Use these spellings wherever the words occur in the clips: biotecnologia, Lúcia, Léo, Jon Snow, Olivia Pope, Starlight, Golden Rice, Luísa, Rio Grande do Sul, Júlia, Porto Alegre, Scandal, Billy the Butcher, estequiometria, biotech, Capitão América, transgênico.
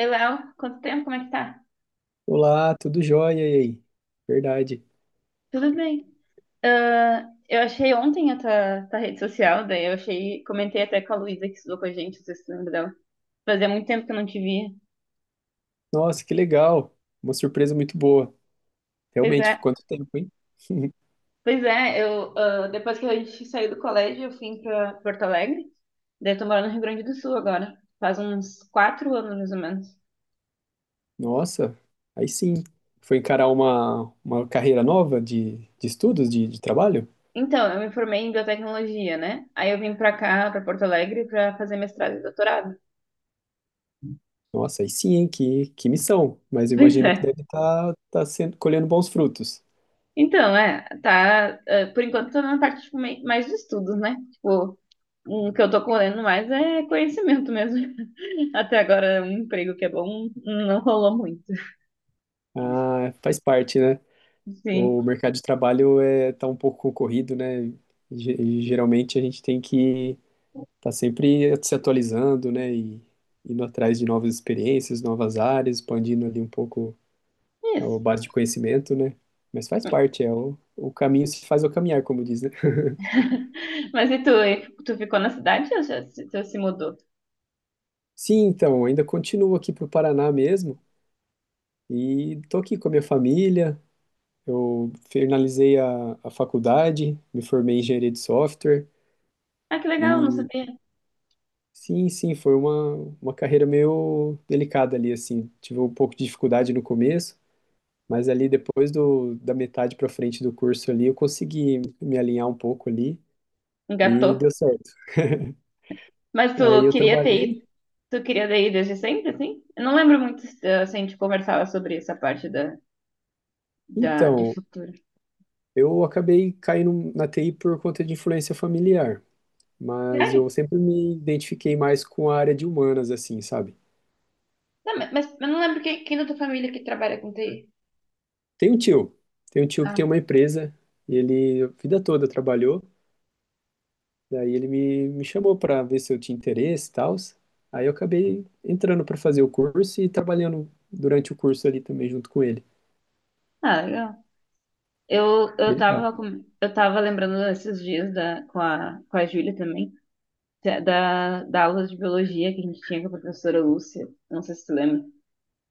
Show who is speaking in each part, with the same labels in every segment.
Speaker 1: Ei, Léo, quanto tempo? Como é que tá?
Speaker 2: Olá, tudo jóia e aí? Verdade.
Speaker 1: Tudo bem. Ah, eu achei ontem a tua rede social, daí eu achei, comentei até com a Luísa que estudou com a gente, não sei se tu lembra dela. Fazia muito tempo que eu não te via.
Speaker 2: Nossa, que legal. Uma surpresa muito boa.
Speaker 1: Pois
Speaker 2: Realmente,
Speaker 1: é,
Speaker 2: foi quanto tempo, hein?
Speaker 1: pois é, depois que a gente saiu do colégio, eu fui pra Porto Alegre, daí eu tô morando no Rio Grande do Sul agora, faz uns 4 anos mais ou menos.
Speaker 2: Nossa, aí sim. Foi encarar uma carreira nova de estudos, de trabalho?
Speaker 1: Então, eu me formei em biotecnologia, né? Aí eu vim pra cá, pra Porto Alegre, pra fazer mestrado e doutorado.
Speaker 2: Nossa, aí sim, hein? Que missão. Mas eu
Speaker 1: Pois
Speaker 2: imagino que
Speaker 1: é.
Speaker 2: deve tá sendo, colhendo bons frutos.
Speaker 1: Então, por enquanto tô na parte, tipo, mais de estudos, né? Tipo, o que eu tô correndo mais é conhecimento mesmo. Até agora, um emprego que é bom não rolou muito.
Speaker 2: Ah, faz parte, né?
Speaker 1: Sim,
Speaker 2: O mercado de trabalho tá um pouco concorrido, né? Geralmente a gente tem que tá sempre se atualizando, né? E indo atrás de novas experiências, novas áreas, expandindo ali um pouco a
Speaker 1: isso.
Speaker 2: base de conhecimento, né? Mas faz parte, é o caminho se faz ao caminhar, como diz, né?
Speaker 1: Mas e tu, hein? Tu ficou na cidade ou já se, tu se mudou?
Speaker 2: Sim, então, ainda continuo aqui pro Paraná mesmo e tô aqui com a minha família. Eu finalizei a faculdade, me formei em engenharia de software
Speaker 1: Ah, que legal, não
Speaker 2: e
Speaker 1: sabia.
Speaker 2: sim, sim, foi uma carreira meio delicada ali, assim. Tive um pouco de dificuldade no começo. Mas ali depois da metade para frente do curso ali, eu consegui me alinhar um pouco ali e
Speaker 1: Engatou.
Speaker 2: deu certo.
Speaker 1: Mas
Speaker 2: Aí
Speaker 1: tu
Speaker 2: eu
Speaker 1: queria ter ido,
Speaker 2: trabalhei.
Speaker 1: tu queria ter ido desde sempre, assim? Eu não lembro muito, assim, a gente conversava sobre essa parte de
Speaker 2: Então,
Speaker 1: futuro.
Speaker 2: eu acabei caindo na TI por conta de influência familiar, mas eu
Speaker 1: Sério?
Speaker 2: sempre me identifiquei mais com a área de humanas, assim, sabe?
Speaker 1: Tá, mas eu não lembro quem da tua família que trabalha com TI.
Speaker 2: Tem um tio, tem um tio que tem
Speaker 1: Ah,
Speaker 2: uma empresa e ele a vida toda trabalhou. Daí ele me chamou para ver se eu tinha interesse e tal. Aí eu acabei entrando para fazer o curso e trabalhando durante o curso ali também junto com ele.
Speaker 1: ah, legal. Eu
Speaker 2: Bem legal.
Speaker 1: tava, eu tava lembrando esses dias com com a Júlia também, da aula de biologia que a gente tinha com a professora Lúcia. Não sei se tu lembra.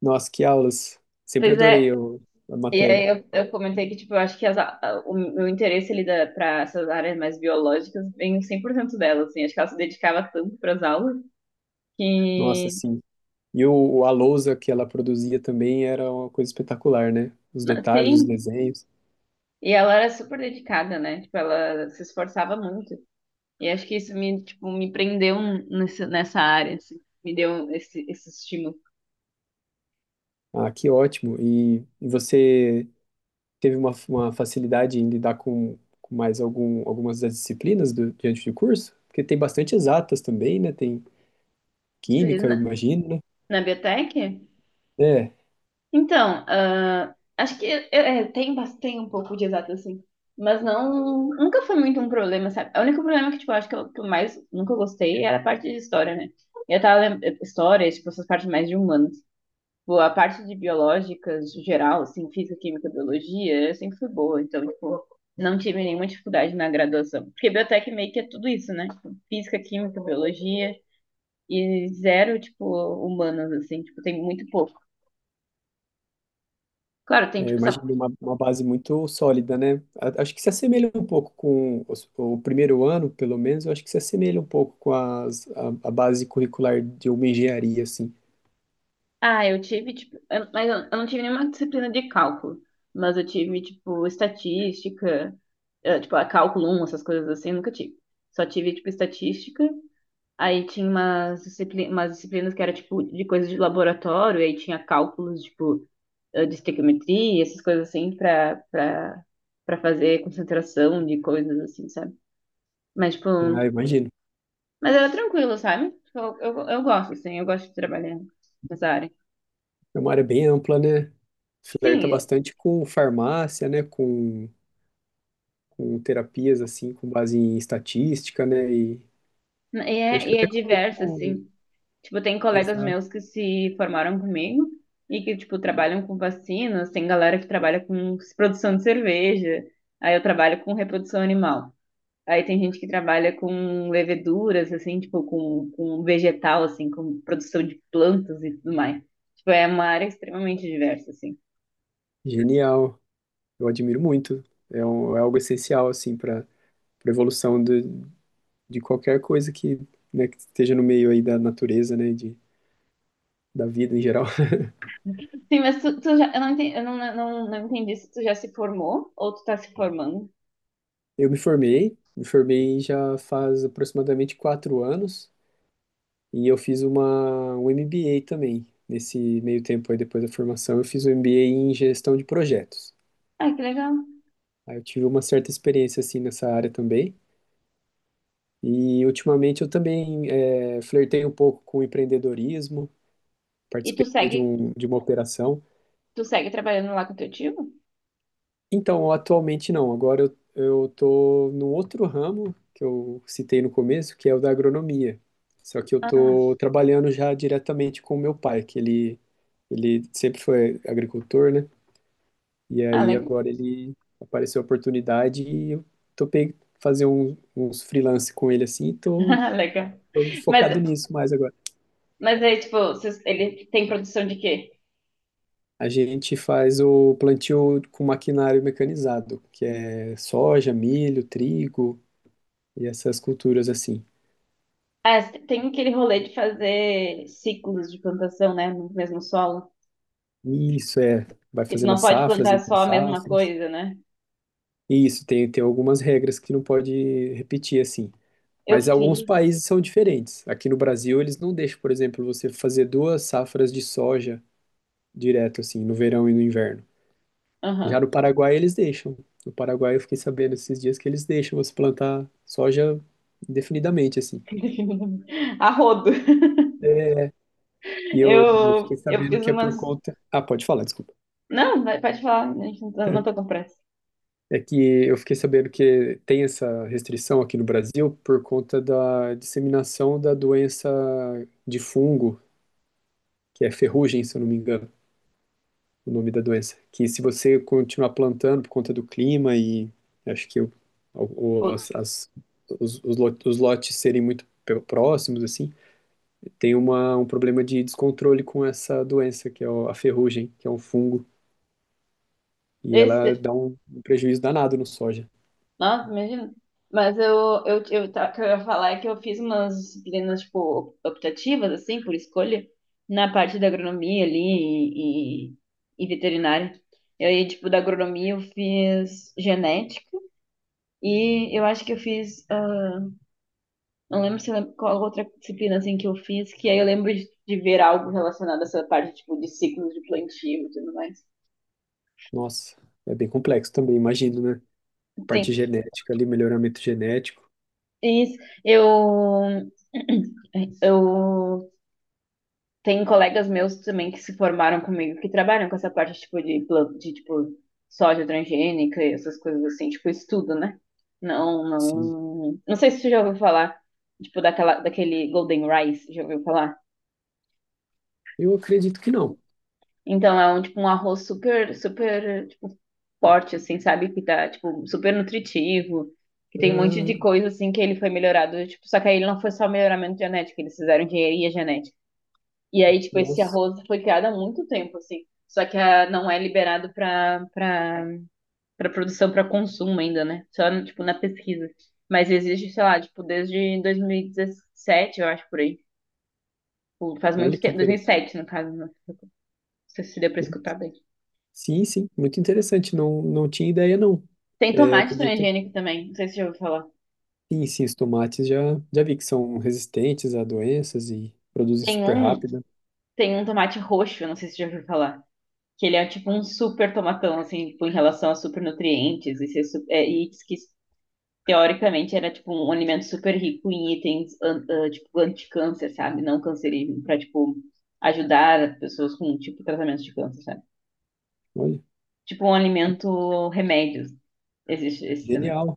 Speaker 2: Nossa, que aulas. Sempre
Speaker 1: Pois
Speaker 2: adorei
Speaker 1: é,
Speaker 2: a
Speaker 1: e
Speaker 2: matéria.
Speaker 1: aí eu comentei que, tipo, eu acho que o meu interesse ali pra essas áreas mais biológicas vem 100% dela, assim. Acho que ela se dedicava tanto pras aulas
Speaker 2: Nossa,
Speaker 1: que...
Speaker 2: sim. E a lousa que ela produzia também era uma coisa espetacular, né? Os detalhes, os
Speaker 1: Sim,
Speaker 2: desenhos.
Speaker 1: e ela era super dedicada, né? Tipo, ela se esforçava muito. E acho que isso me, tipo, me prendeu nessa área, assim. Me deu esse estímulo.
Speaker 2: Ah, que ótimo. E você teve uma facilidade em lidar com mais algumas das disciplinas diante do curso? Porque tem bastante exatas também, né? Tem
Speaker 1: Tu diz
Speaker 2: química, eu imagino, né?
Speaker 1: Na biotech?
Speaker 2: É.
Speaker 1: Então, acho que tem, tem um pouco de exato, assim. Mas não, nunca foi muito um problema, sabe? O único problema que, tipo, eu acho que eu mais nunca gostei era a parte de história, né? Eu tava lembrando, história, tipo, essas partes mais de humano. Tipo, a parte de biológicas geral, assim, física, química, biologia, eu sempre fui boa. Então, tipo, não tive nenhuma dificuldade na graduação. Porque biotech meio que é tudo isso, né? Tipo, física, química, biologia e zero, tipo, humanas, assim. Tipo, tem muito pouco. Claro, tem,
Speaker 2: É, eu
Speaker 1: tipo, essa...
Speaker 2: imagino uma base muito sólida, né? Acho que se assemelha um pouco com o primeiro ano, pelo menos, eu acho que se assemelha um pouco com a base curricular de uma engenharia, assim.
Speaker 1: Ah, eu tive, tipo... Mas eu não tive nenhuma disciplina de cálculo. Mas eu tive, tipo, estatística, tipo, a cálculo um essas coisas assim, eu nunca tive. Só tive, tipo, estatística. Aí tinha umas, umas disciplinas que era tipo de coisas de laboratório, aí tinha cálculos, tipo, de estequiometria, essas coisas assim, pra fazer concentração de coisas assim, sabe? Mas, tipo,
Speaker 2: Ah, eu imagino.
Speaker 1: mas era tranquilo, sabe? Tipo, eu gosto, assim, eu gosto de trabalhar nessa área.
Speaker 2: É uma área bem ampla, né?
Speaker 1: Sim,
Speaker 2: Flerta bastante com farmácia, né? Com terapias, assim, com base em estatística, né? E eu acho que
Speaker 1: e é
Speaker 2: até com,
Speaker 1: diverso,
Speaker 2: com...
Speaker 1: assim. Tipo, tem colegas
Speaker 2: Exato.
Speaker 1: meus que se formaram comigo e que, tipo, trabalham com vacinas, tem galera que trabalha com produção de cerveja, aí eu trabalho com reprodução animal. Aí tem gente que trabalha com leveduras, assim, tipo, com vegetal, assim, com produção de plantas e tudo mais. Tipo, é uma área extremamente diversa, assim.
Speaker 2: Genial. Eu admiro muito. É, é algo essencial, assim, para a evolução de qualquer coisa que, né, que esteja no meio aí da natureza, né, da vida em geral.
Speaker 1: Sim, mas tu já, eu não entendi, eu não, não, não entendi se tu já se formou ou tu tá se formando.
Speaker 2: Eu me formei já faz aproximadamente 4 anos e eu fiz um MBA também. Nesse meio tempo aí, depois da formação, eu fiz um MBA em gestão de projetos.
Speaker 1: Ah, que legal.
Speaker 2: Aí eu tive uma certa experiência, assim, nessa área também. E ultimamente eu também flertei um pouco com empreendedorismo,
Speaker 1: E
Speaker 2: participei de uma operação.
Speaker 1: tu segue trabalhando lá com teu tio?
Speaker 2: Então, atualmente não. Agora eu tô num outro ramo que eu citei no começo, que é o da agronomia. Só que eu
Speaker 1: Ah,
Speaker 2: tô trabalhando já diretamente com o meu pai, que ele sempre foi agricultor, né? E
Speaker 1: ah,
Speaker 2: aí
Speaker 1: legal.
Speaker 2: agora ele apareceu a oportunidade e eu topei fazer uns freelance com ele assim, e tô,
Speaker 1: Ah, legal.
Speaker 2: tô focado
Speaker 1: Mas,
Speaker 2: nisso mais agora.
Speaker 1: mas aí, tipo, ele tem produção de quê?
Speaker 2: A gente faz o plantio com maquinário mecanizado, que é soja, milho, trigo e essas culturas assim.
Speaker 1: Ah, tem aquele rolê de fazer ciclos de plantação, né, no mesmo solo.
Speaker 2: Isso é, vai
Speaker 1: Que tu
Speaker 2: fazendo
Speaker 1: não
Speaker 2: as
Speaker 1: pode
Speaker 2: safras
Speaker 1: plantar só
Speaker 2: entre
Speaker 1: a mesma
Speaker 2: safras.
Speaker 1: coisa, né?
Speaker 2: Isso, tem algumas regras que não pode repetir assim.
Speaker 1: Eu
Speaker 2: Mas alguns
Speaker 1: fiz.
Speaker 2: países são diferentes. Aqui no Brasil, eles não deixam, por exemplo, você fazer duas safras de soja direto, assim, no verão e no inverno. Já
Speaker 1: Aham.
Speaker 2: no Paraguai, eles deixam. No Paraguai, eu fiquei sabendo esses dias que eles deixam você plantar soja indefinidamente, assim.
Speaker 1: A rodo.
Speaker 2: E eu fiquei
Speaker 1: Eu
Speaker 2: sabendo
Speaker 1: fiz
Speaker 2: que é
Speaker 1: umas.
Speaker 2: por conta. Ah, pode falar, desculpa.
Speaker 1: Não, pode falar, a gente não tô com pressa.
Speaker 2: É que eu fiquei sabendo que tem essa restrição aqui no Brasil por conta da disseminação da doença de fungo, que é ferrugem, se eu não me engano, o nome da doença. Que se você continuar plantando por conta do clima e acho que o, o-
Speaker 1: Pô,
Speaker 2: as- as- os lotes serem muito próximos, assim, tem um problema de descontrole com essa doença, que é a ferrugem, que é um fungo, e ela
Speaker 1: esse...
Speaker 2: dá um prejuízo danado no soja.
Speaker 1: Nossa, imagina. Mas o que eu ia falar é que eu fiz umas disciplinas, tipo, optativas, assim, por escolha, na parte da agronomia ali e e veterinária. E aí, tipo, da agronomia eu fiz genética e eu acho que eu fiz. Não lembro se eu lembro qual outra disciplina assim, que eu fiz, que aí eu lembro de ver algo relacionado a essa parte tipo, de ciclos de plantio e tudo mais.
Speaker 2: Nossa, é bem complexo também, imagino, né? Parte
Speaker 1: Sim,
Speaker 2: genética ali, melhoramento genético,
Speaker 1: isso. Eu, eu tenho colegas meus também que se formaram comigo, que trabalham com essa parte tipo, de tipo, soja transgênica e essas coisas assim, tipo, estudo, né? Não,
Speaker 2: sim.
Speaker 1: não. Não sei se você já ouviu falar, tipo, daquele Golden Rice, já ouviu falar?
Speaker 2: Eu acredito que não.
Speaker 1: Então é um tipo um arroz super, tipo, forte, assim, sabe? Que tá, tipo, super nutritivo, que tem um monte
Speaker 2: Ah,
Speaker 1: de coisa assim que ele foi melhorado, tipo, só que aí ele não foi só melhoramento genético, eles fizeram engenharia genética. E aí, tipo, esse
Speaker 2: nossa,
Speaker 1: arroz foi criado há muito tempo, assim. Só que não é liberado para produção, para consumo ainda, né? Só, tipo, na pesquisa. Mas existe, sei lá, tipo, desde 2017, eu acho, por aí. Tipo, faz
Speaker 2: olha
Speaker 1: muito
Speaker 2: que
Speaker 1: tempo,
Speaker 2: interessante.
Speaker 1: 2007, no caso, né? Não sei se deu pra escutar bem.
Speaker 2: Sim, sim, muito interessante. Não, não tinha ideia, não.
Speaker 1: Tem
Speaker 2: É, eu
Speaker 1: tomate
Speaker 2: acredito.
Speaker 1: transgênico também, não sei se você já ouviu falar.
Speaker 2: Sim, sim, os tomates já vi que são resistentes a doenças e produzem
Speaker 1: Tem
Speaker 2: super
Speaker 1: um,
Speaker 2: rápido.
Speaker 1: tem um tomate roxo, não sei se você já ouviu falar. Que ele é tipo um super tomatão, assim, tipo, em relação a super nutrientes. E, e diz que teoricamente era tipo um alimento super rico em itens tipo anti-câncer, sabe? Não cancerígeno, pra tipo ajudar pessoas com tipo tratamento de câncer, sabe?
Speaker 2: Olha,
Speaker 1: Tipo um alimento remédio. Existe esse também.
Speaker 2: genial.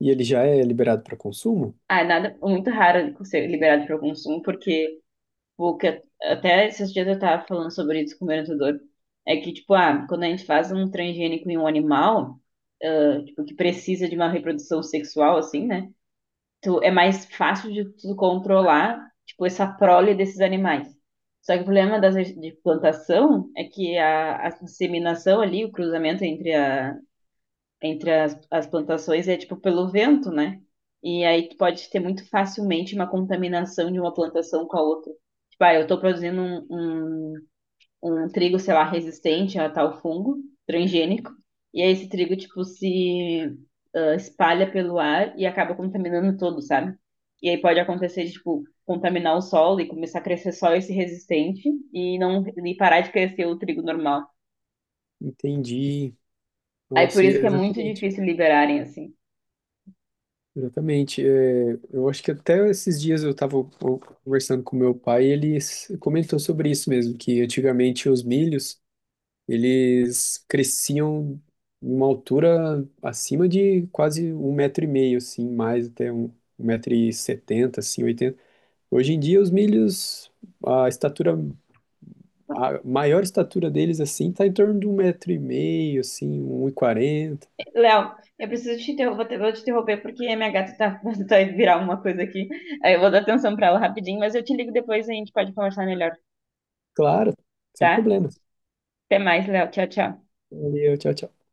Speaker 2: E ele já é liberado para consumo?
Speaker 1: Ah, nada, muito raro ser liberado para o consumo, porque porque até esses dias eu tava falando sobre isso com o meu orientador. É que, tipo, quando a gente faz um transgênico em um animal, tipo, que precisa de uma reprodução sexual, assim, né? Tu, é mais fácil de tu controlar, tipo, essa prole desses animais. Só que o problema de plantação é que a inseminação ali, o cruzamento entre entre as plantações é tipo pelo vento, né? E aí tu pode ter muito facilmente uma contaminação de uma plantação com a outra. Tipo, eu tô produzindo um trigo, sei lá, resistente a tal fungo transgênico, e aí esse trigo, tipo, se espalha pelo ar e acaba contaminando todo, sabe? E aí pode acontecer de, tipo, contaminar o solo e começar a crescer só esse resistente e não e parar de crescer o trigo normal.
Speaker 2: Entendi.
Speaker 1: Aí por
Speaker 2: Nossa,
Speaker 1: isso que é muito
Speaker 2: exatamente.
Speaker 1: difícil liberarem, assim.
Speaker 2: Exatamente. É, eu acho que até esses dias eu estava conversando com meu pai e ele comentou sobre isso mesmo, que antigamente os milhos, eles cresciam em uma altura acima de quase 1,5 m, assim, mais até um metro e setenta, assim, oitenta. Hoje em dia os milhos, a estatura, a maior estatura deles, assim, está em torno de 1,5 m, assim, um e quarenta.
Speaker 1: Léo, eu preciso te interromper, vou te interromper porque a minha gata tá, vai virar uma coisa aqui. Aí eu vou dar atenção pra ela rapidinho, mas eu te ligo depois e a gente pode conversar melhor,
Speaker 2: Claro, sem
Speaker 1: tá?
Speaker 2: problemas.
Speaker 1: Até mais, Léo. Tchau, tchau.
Speaker 2: Valeu, tchau, tchau.